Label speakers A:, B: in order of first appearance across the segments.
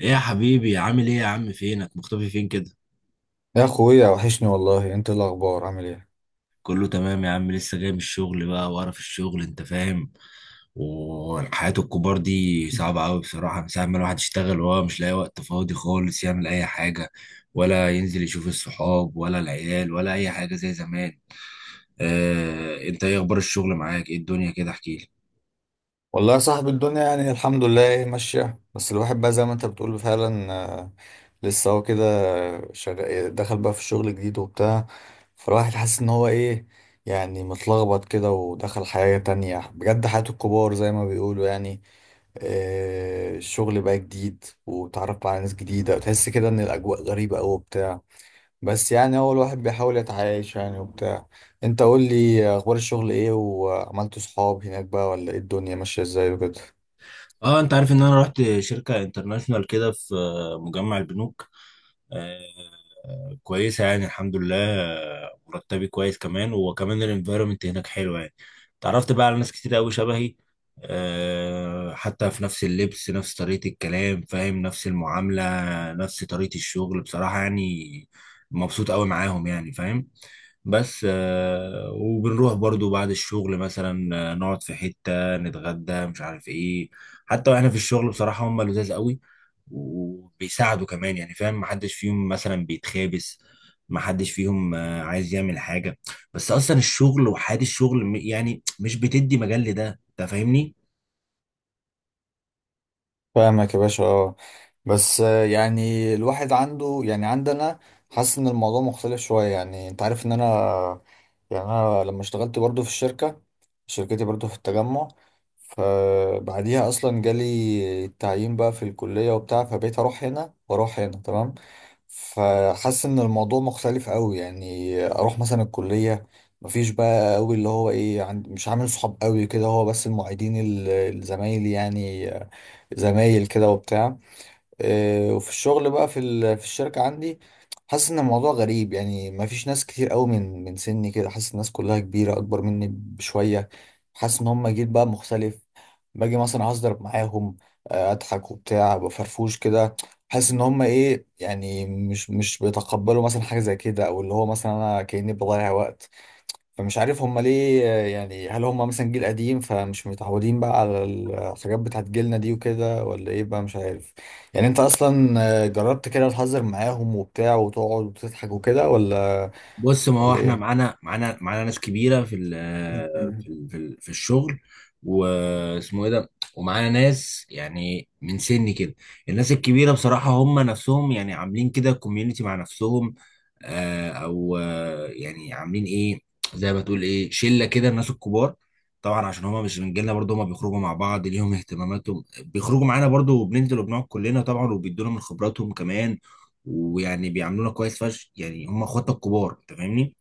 A: ايه يا حبيبي، عامل ايه يا عم؟ فينك مختفي فين كده؟
B: يا اخويا، وحشني والله. انت إيه الاخبار؟ عامل ايه؟
A: كله تمام يا عم، لسه جاي من الشغل بقى، وقرف الشغل انت فاهم. والحياة الكبار دي صعبة قوي بصراحة، من ساعة ما الواحد يشتغل وهو مش لاقي وقت فاضي خالص يعمل اي حاجة، ولا ينزل يشوف الصحاب ولا العيال ولا اي حاجة زي زمان. اه، انت ايه اخبار الشغل معاك؟ ايه الدنيا كده؟ احكيلي.
B: والله يا صاحبي، الدنيا يعني الحمد لله إيه ماشيه، بس الواحد بقى زي ما انت بتقول فعلا. آه، لسه هو كده. شغال، دخل بقى في الشغل جديد وبتاع. فالواحد حاسس ان هو ايه، يعني متلخبط كده، ودخل حياه تانية بجد، حياه الكبار زي ما بيقولوا يعني. الشغل بقى جديد، وتعرف بقى على ناس جديده، وتحس كده ان الاجواء غريبه قوي. بس يعني هو الواحد بيحاول يتعايش يعني وبتاع. انت قول لي، اخبار الشغل ايه، وعملت صحاب هناك بقى ولا ايه؟ الدنيا ماشية ازاي وكده؟
A: اه، انت عارف ان انا رحت شركة انترناشونال كده في مجمع البنوك. كويسة يعني الحمد لله، مرتبي كويس، كمان وكمان الانفايرمنت هناك حلو يعني. تعرفت بقى على ناس كتير قوي شبهي. حتى في نفس اللبس، نفس طريقة الكلام فاهم، نفس المعاملة، نفس طريقة الشغل بصراحة يعني. مبسوط قوي معاهم يعني فاهم. بس وبنروح برضو بعد الشغل، مثلا نقعد في حتة نتغدى مش عارف ايه. حتى واحنا في الشغل بصراحة هم لذاذ قوي، وبيساعدوا كمان يعني فاهم، محدش فيهم مثلا بيتخابس، محدش فيهم عايز يعمل حاجة. بس اصلا الشغل وحياة الشغل يعني مش بتدي مجال لده انت فاهمني.
B: فاهمك يا باشا، اه. بس يعني الواحد عنده، يعني عندنا، حاسس ان الموضوع مختلف شوية. يعني انت عارف ان انا، يعني انا لما اشتغلت برضو في الشركة، شركتي برضو في التجمع، فبعديها اصلا جالي التعيين بقى في الكلية وبتاع، فبقيت اروح هنا واروح هنا تمام. فحاسس ان الموضوع مختلف قوي، يعني اروح مثلا الكلية، مفيش بقى قوي اللي هو ايه، مش عامل صحاب قوي كده هو، بس المعيدين، الزمايل يعني، زمايل كده وبتاع. وفي الشغل بقى في في الشركة عندي، حاسس ان الموضوع غريب. يعني ما فيش ناس كتير قوي من سني كده، حاسس الناس كلها كبيرة اكبر مني بشوية، حاسس ان هم جيل بقى مختلف. باجي مثلا اصدر معاهم، اضحك وبتاع بفرفوش كده، حاسس ان هم ايه، يعني مش بيتقبلوا مثلا حاجة زي كده، او اللي هو مثلا انا كأني بضيع وقت. فمش عارف هم ليه يعني، هل هم مثلا جيل قديم فمش متعودين بقى على الحاجات بتاعت جيلنا دي وكده، ولا ايه بقى؟ مش عارف. يعني انت اصلا جربت كده تهزر معاهم وبتاع وتقعد وتضحك وكده، ولا
A: بص، ما هو
B: ولا
A: احنا
B: ايه؟
A: معانا ناس كبيره في في الشغل. واسمه ايه ده؟ ومعانا ناس يعني من سني كده. الناس الكبيره بصراحه هم نفسهم يعني عاملين كده كوميونتي مع نفسهم، او يعني عاملين ايه، زي ما تقول ايه شله كده الناس الكبار. طبعا عشان هم مش من جيلنا برضه، هم بيخرجوا مع بعض ليهم اهتماماتهم، بيخرجوا معانا برضه وبننزل وبنقعد كلنا طبعا، وبيدونا من خبراتهم كمان. ويعني بيعاملونا كويس فشخ، يعني هم اخواتنا الكبار انت فاهمني.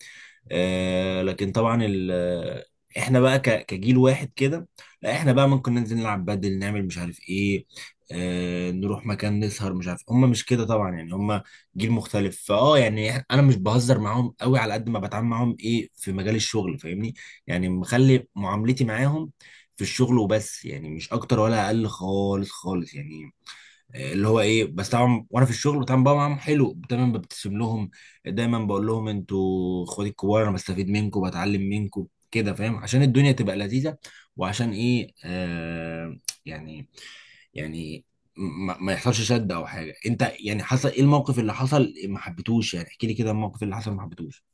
A: لكن طبعا ال آه، احنا بقى كجيل واحد كده. لا احنا بقى ممكن ننزل نلعب بدل، نعمل مش عارف ايه، نروح مكان نسهر مش عارف. هم مش كده طبعا، يعني هم جيل مختلف فاه يعني، انا مش بهزر معاهم قوي، على قد ما بتعامل معاهم ايه في مجال الشغل فاهمني. يعني مخلي معاملتي معاهم في الشغل وبس، يعني مش اكتر ولا اقل خالص خالص يعني. اللي هو ايه، بس طبعا وانا في الشغل بتعامل بقى معاهم حلو، دايما ببتسم لهم، دايما بقول لهم انتوا اخواتي الكبار، انا بستفيد منكم بتعلم منكم كده فاهم، عشان الدنيا تبقى لذيذه. وعشان ايه آه يعني يعني ما يحصلش شد او حاجه، انت يعني حصل ايه الموقف اللي حصل ما حبيتوش؟ يعني احكي لي كده الموقف اللي حصل ما حبيتوش.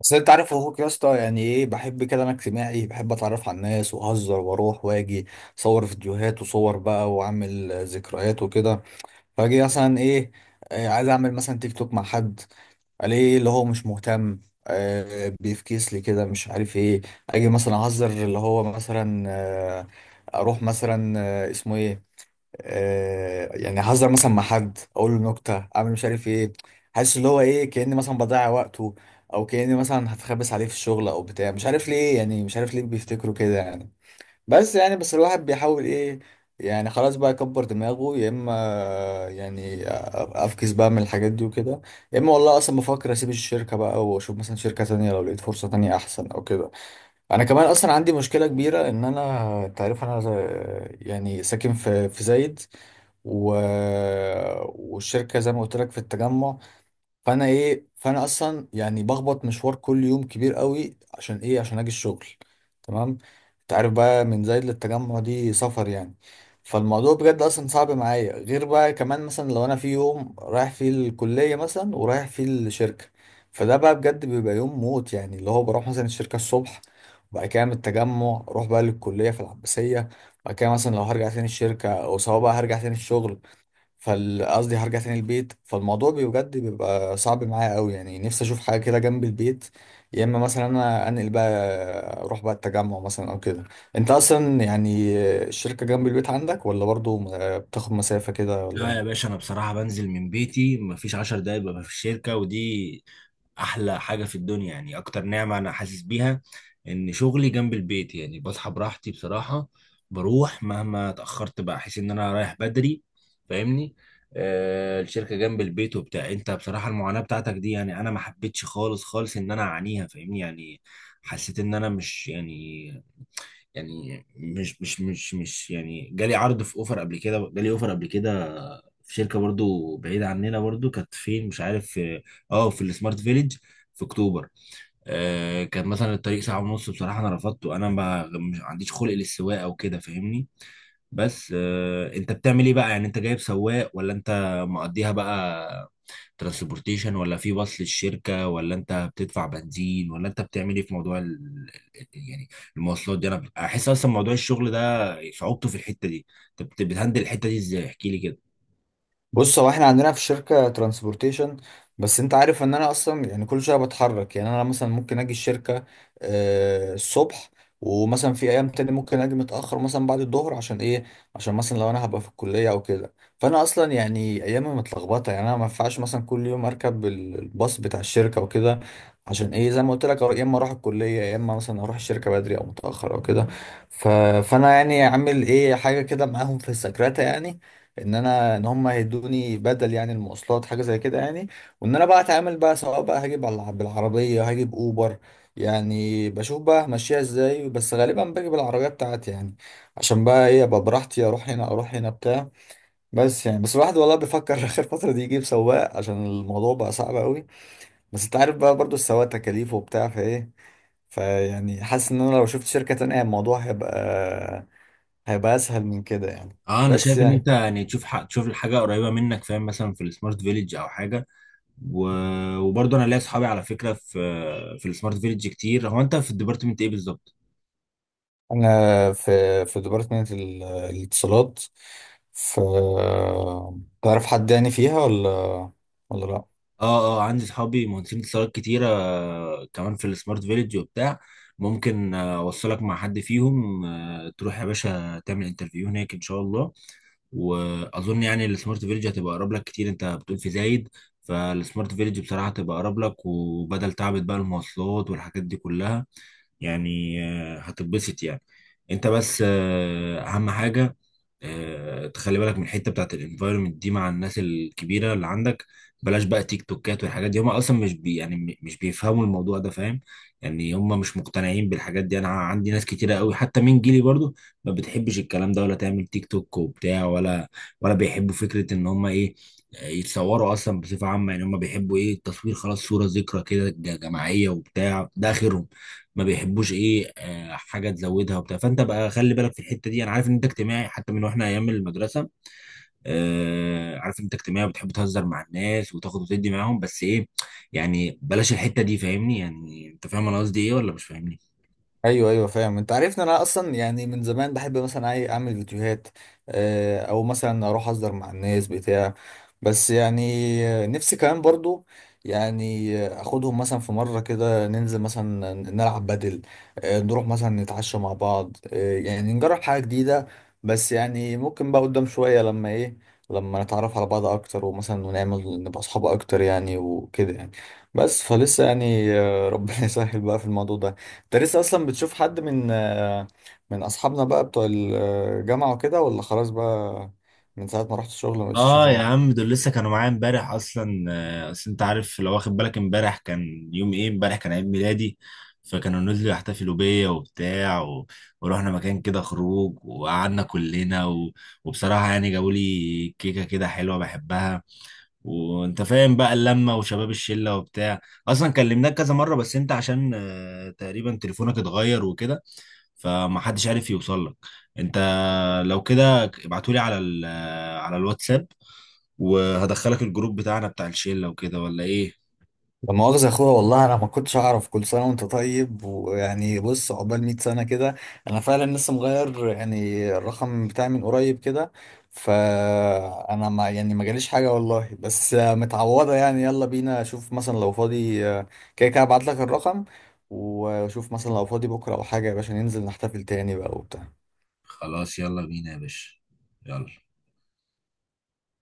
B: بس انت عارف اخوك يا اسطى، يعني ايه، بحب كده، انا اجتماعي، بحب اتعرف على الناس واهزر واروح واجي، اصور فيديوهات وصور بقى واعمل ذكريات وكده. فاجي مثلا ايه، عايز اعمل مثلا تيك توك مع حد، الاقيه اللي هو مش مهتم، بيفكيس لي كده مش عارف ايه. اجي مثلا اهزر اللي هو مثلا اروح مثلا اسمه ايه، يعني اهزر مثلا مع حد اقول له نكته، اعمل مش عارف ايه، حاسس اللي هو ايه كاني مثلا بضيع وقته، او كاني مثلا هتخبس عليه في الشغل او بتاع. مش عارف ليه، يعني مش عارف ليه بيفتكروا كده يعني. بس يعني، بس الواحد بيحاول ايه، يعني خلاص بقى يكبر دماغه، يا اما يعني افكس بقى من الحاجات دي وكده، يا اما والله اصلا بفكر اسيب الشركه بقى واشوف مثلا شركه تانية لو لقيت فرصه تانية احسن او كده. انا كمان اصلا عندي مشكله كبيره، ان انا، انت عارف انا يعني ساكن في زايد و... والشركه زي ما قلت لك في التجمع. فانا ايه، فانا اصلا يعني بخبط مشوار كل يوم كبير قوي، عشان ايه، عشان اجي الشغل، تمام؟ انت عارف بقى من زايد للتجمع دي سفر يعني. فالموضوع بجد اصلا صعب معايا، غير بقى كمان مثلا لو انا في يوم رايح فيه الكلية مثلا ورايح فيه الشركة، فده بقى بجد بيبقى يوم موت. يعني اللي هو بروح مثلا الشركة الصبح، وبعد كده من التجمع اروح بقى للكلية في العباسية، بعد كده مثلا لو هرجع تاني الشركة، او سواء بقى هرجع تاني الشغل، فقصدي هرجع تاني البيت. فالموضوع بجد بيبقى صعب معايا قوي. يعني نفسي اشوف حاجه كده جنب البيت، يا اما مثلا انا انقل بقى، اروح بقى التجمع مثلا او كده. انت اصلا يعني الشركه جنب البيت عندك، ولا برضو بتاخد مسافه كده ولا
A: لا يا
B: إيه؟
A: باشا، انا بصراحه بنزل من بيتي مفيش 10 دقايق ببقى في الشركه، ودي احلى حاجه في الدنيا، يعني اكتر نعمه انا حاسس بيها ان شغلي جنب البيت، يعني بصحى براحتي بصراحه، بروح مهما اتاخرت بقى احس ان انا رايح بدري. فاهمني. الشركه جنب البيت وبتاع، انت بصراحه المعاناه بتاعتك دي يعني انا ما حبيتش خالص خالص ان انا اعانيها فاهمني يعني. حسيت ان انا مش يعني، يعني مش يعني جالي عرض في اوفر قبل كده، جالي اوفر قبل كده في شركه برضو بعيده عننا، برضو كانت فين مش عارف في، اه في السمارت فيليج، في اكتوبر. كان مثلا الطريق ساعه ونص، بصراحه انا رفضته، انا ما مش عنديش خلق للسواقه او كده فاهمني. بس انت بتعمل ايه بقى؟ يعني انت جايب سواق ولا انت مقضيها بقى ترانسبورتيشن؟ ولا في باص للشركه؟ ولا انت بتدفع بنزين؟ ولا انت بتعمل ايه في موضوع يعني المواصلات دي؟ انا احس اصلا موضوع الشغل ده صعوبته في الحته دي، انت بتهندل الحته دي ازاي؟ احكي لي كده.
B: بص، هو احنا عندنا في الشركة ترانسبورتيشن، بس انت عارف ان انا اصلا يعني كل شوية بتحرك. يعني انا مثلا ممكن اجي الشركة الصبح، ومثلا في ايام تاني ممكن اجي متأخر مثلا بعد الظهر. عشان ايه؟ عشان مثلا لو انا هبقى في الكلية او كده، فانا اصلا يعني ايامي متلخبطة. يعني انا ما ينفعش مثلا كل يوم اركب الباص بتاع الشركة وكده، عشان ايه، زي ما قلت لك، يا اما اروح الكلية يا اما مثلا اروح الشركة بدري او متأخر او كده. ف... فانا يعني عامل ايه حاجة كده معاهم في السكرتة، يعني ان انا، ان هم هيدوني بدل يعني المواصلات حاجه زي كده يعني، وان انا بقى اتعامل بقى سواء بقى بالعربيه هجيب اوبر. يعني بشوف بقى همشيها ازاي، بس غالبا باجي بالعربيه بتاعتي يعني، عشان بقى ايه، ابقى براحتي، اروح هنا اروح هنا بتاع. بس يعني، بس الواحد والله بيفكر اخر فتره دي يجيب سواق عشان الموضوع بقى صعب قوي. بس انت عارف بقى برضو السواق تكاليفه وبتاع فايه، فيعني حاسس ان انا لو شفت شركه تانية الموضوع هيبقى، هيبقى اسهل من كده يعني.
A: اه، انا
B: بس
A: شايف ان
B: يعني
A: انت يعني تشوف، حق تشوف الحاجه قريبه منك فاهم، مثلا في السمارت فيليج او حاجه. و... وبرضه انا ليا اصحابي على فكره في في السمارت فيليج كتير. هو انت في الديبارتمنت ايه بالظبط؟
B: انا في ديبارتمنت الاتصالات، ف تعرف حد يعني فيها ولا، ولا لا؟
A: اه، اه، عندي صحابي مهندسين اتصالات كتيرة كمان في السمارت فيليج وبتاع. ممكن اوصلك مع حد فيهم، تروح يا باشا تعمل انترفيو هناك ان شاء الله. واظن يعني السمارت فيليج هتبقى اقرب لك كتير، انت بتقول في زايد. فالسمارت فيليج بصراحة هتبقى اقرب لك، وبدل تعبت بقى المواصلات والحاجات دي كلها، يعني هتتبسط يعني. انت بس اهم حاجة، تخلي بالك من الحتة بتاعت الانفايرمنت دي مع الناس الكبيرة اللي عندك. بلاش بقى تيك توكات والحاجات دي، هم اصلا مش بيفهموا الموضوع ده فاهم. يعني هم مش مقتنعين بالحاجات دي، انا عندي ناس كتيره قوي حتى من جيلي برضو ما بتحبش الكلام ده ولا تعمل تيك توك وبتاع، ولا ولا بيحبوا فكره ان هم ايه يتصوروا اصلا بصفه عامه. يعني هم بيحبوا ايه التصوير، خلاص صوره ذكرى كده جماعيه وبتاع ده اخرهم. ما بيحبوش ايه حاجه تزودها وبتاع، فانت بقى خلي بالك في الحته دي، انا عارف ان انت اجتماعي حتى من واحنا ايام المدرسه. عارف انت اجتماعي بتحب تهزر مع الناس وتاخد وتدي معاهم، بس ايه، يعني بلاش الحتة دي فاهمني، يعني انت فاهم انا قصدي ايه ولا مش فاهمني؟
B: ايوه ايوه فاهم. انت عارف ان انا اصلا يعني من زمان بحب مثلا اعمل فيديوهات، او مثلا اروح اصدر مع الناس بتاع. بس يعني نفسي كمان برضو، يعني اخدهم مثلا في مره كده ننزل مثلا نلعب بدل، نروح مثلا نتعشى مع بعض، يعني نجرب حاجه جديده. بس يعني ممكن بقى قدام شويه لما ايه، لما نتعرف على بعض اكتر ومثلا، ونعمل نبقى اصحاب اكتر يعني وكده يعني. بس فلسه يعني ربنا يسهل بقى في الموضوع ده. انت لسه اصلا بتشوف حد من من اصحابنا بقى بتوع الجامعه وكده، ولا خلاص بقى من ساعه ما رحت الشغل ما بقتش
A: اه يا
B: تشوفهم؟
A: عم، دول لسه كانوا معايا امبارح اصلا، اصل انت عارف لو واخد بالك امبارح كان يوم ايه، امبارح كان عيد ميلادي. فكانوا نزلوا يحتفلوا بيا وبتاع ورحنا مكان كده خروج وقعدنا كلنا وبصراحة يعني جابوا لي كيكة كده حلوة بحبها، وانت فاهم بقى اللمه وشباب الشله وبتاع. اصلا كلمناك كذا مره، بس انت عشان تقريبا تليفونك اتغير وكده، فما حدش عارف يوصل لك. انت لو كده ابعتولي على ال آه، على الواتساب، وهدخلك الجروب بتاعنا بتاع الشله وكده ولا ايه؟
B: لا مؤاخذه يا اخويا والله انا ما كنتش اعرف. كل سنه وانت طيب، ويعني بص، عقبال 100 سنه كده. انا فعلا لسه مغير يعني الرقم بتاعي من قريب كده، فانا ما يعني ما جاليش حاجه والله، بس متعوضه يعني. يلا بينا، اشوف مثلا لو فاضي كده كده ابعت لك الرقم، وشوف مثلا لو فاضي بكره او حاجه يا باشا ننزل نحتفل تاني بقى وبتاع.
A: خلاص يلا بينا يا باشا. يلا.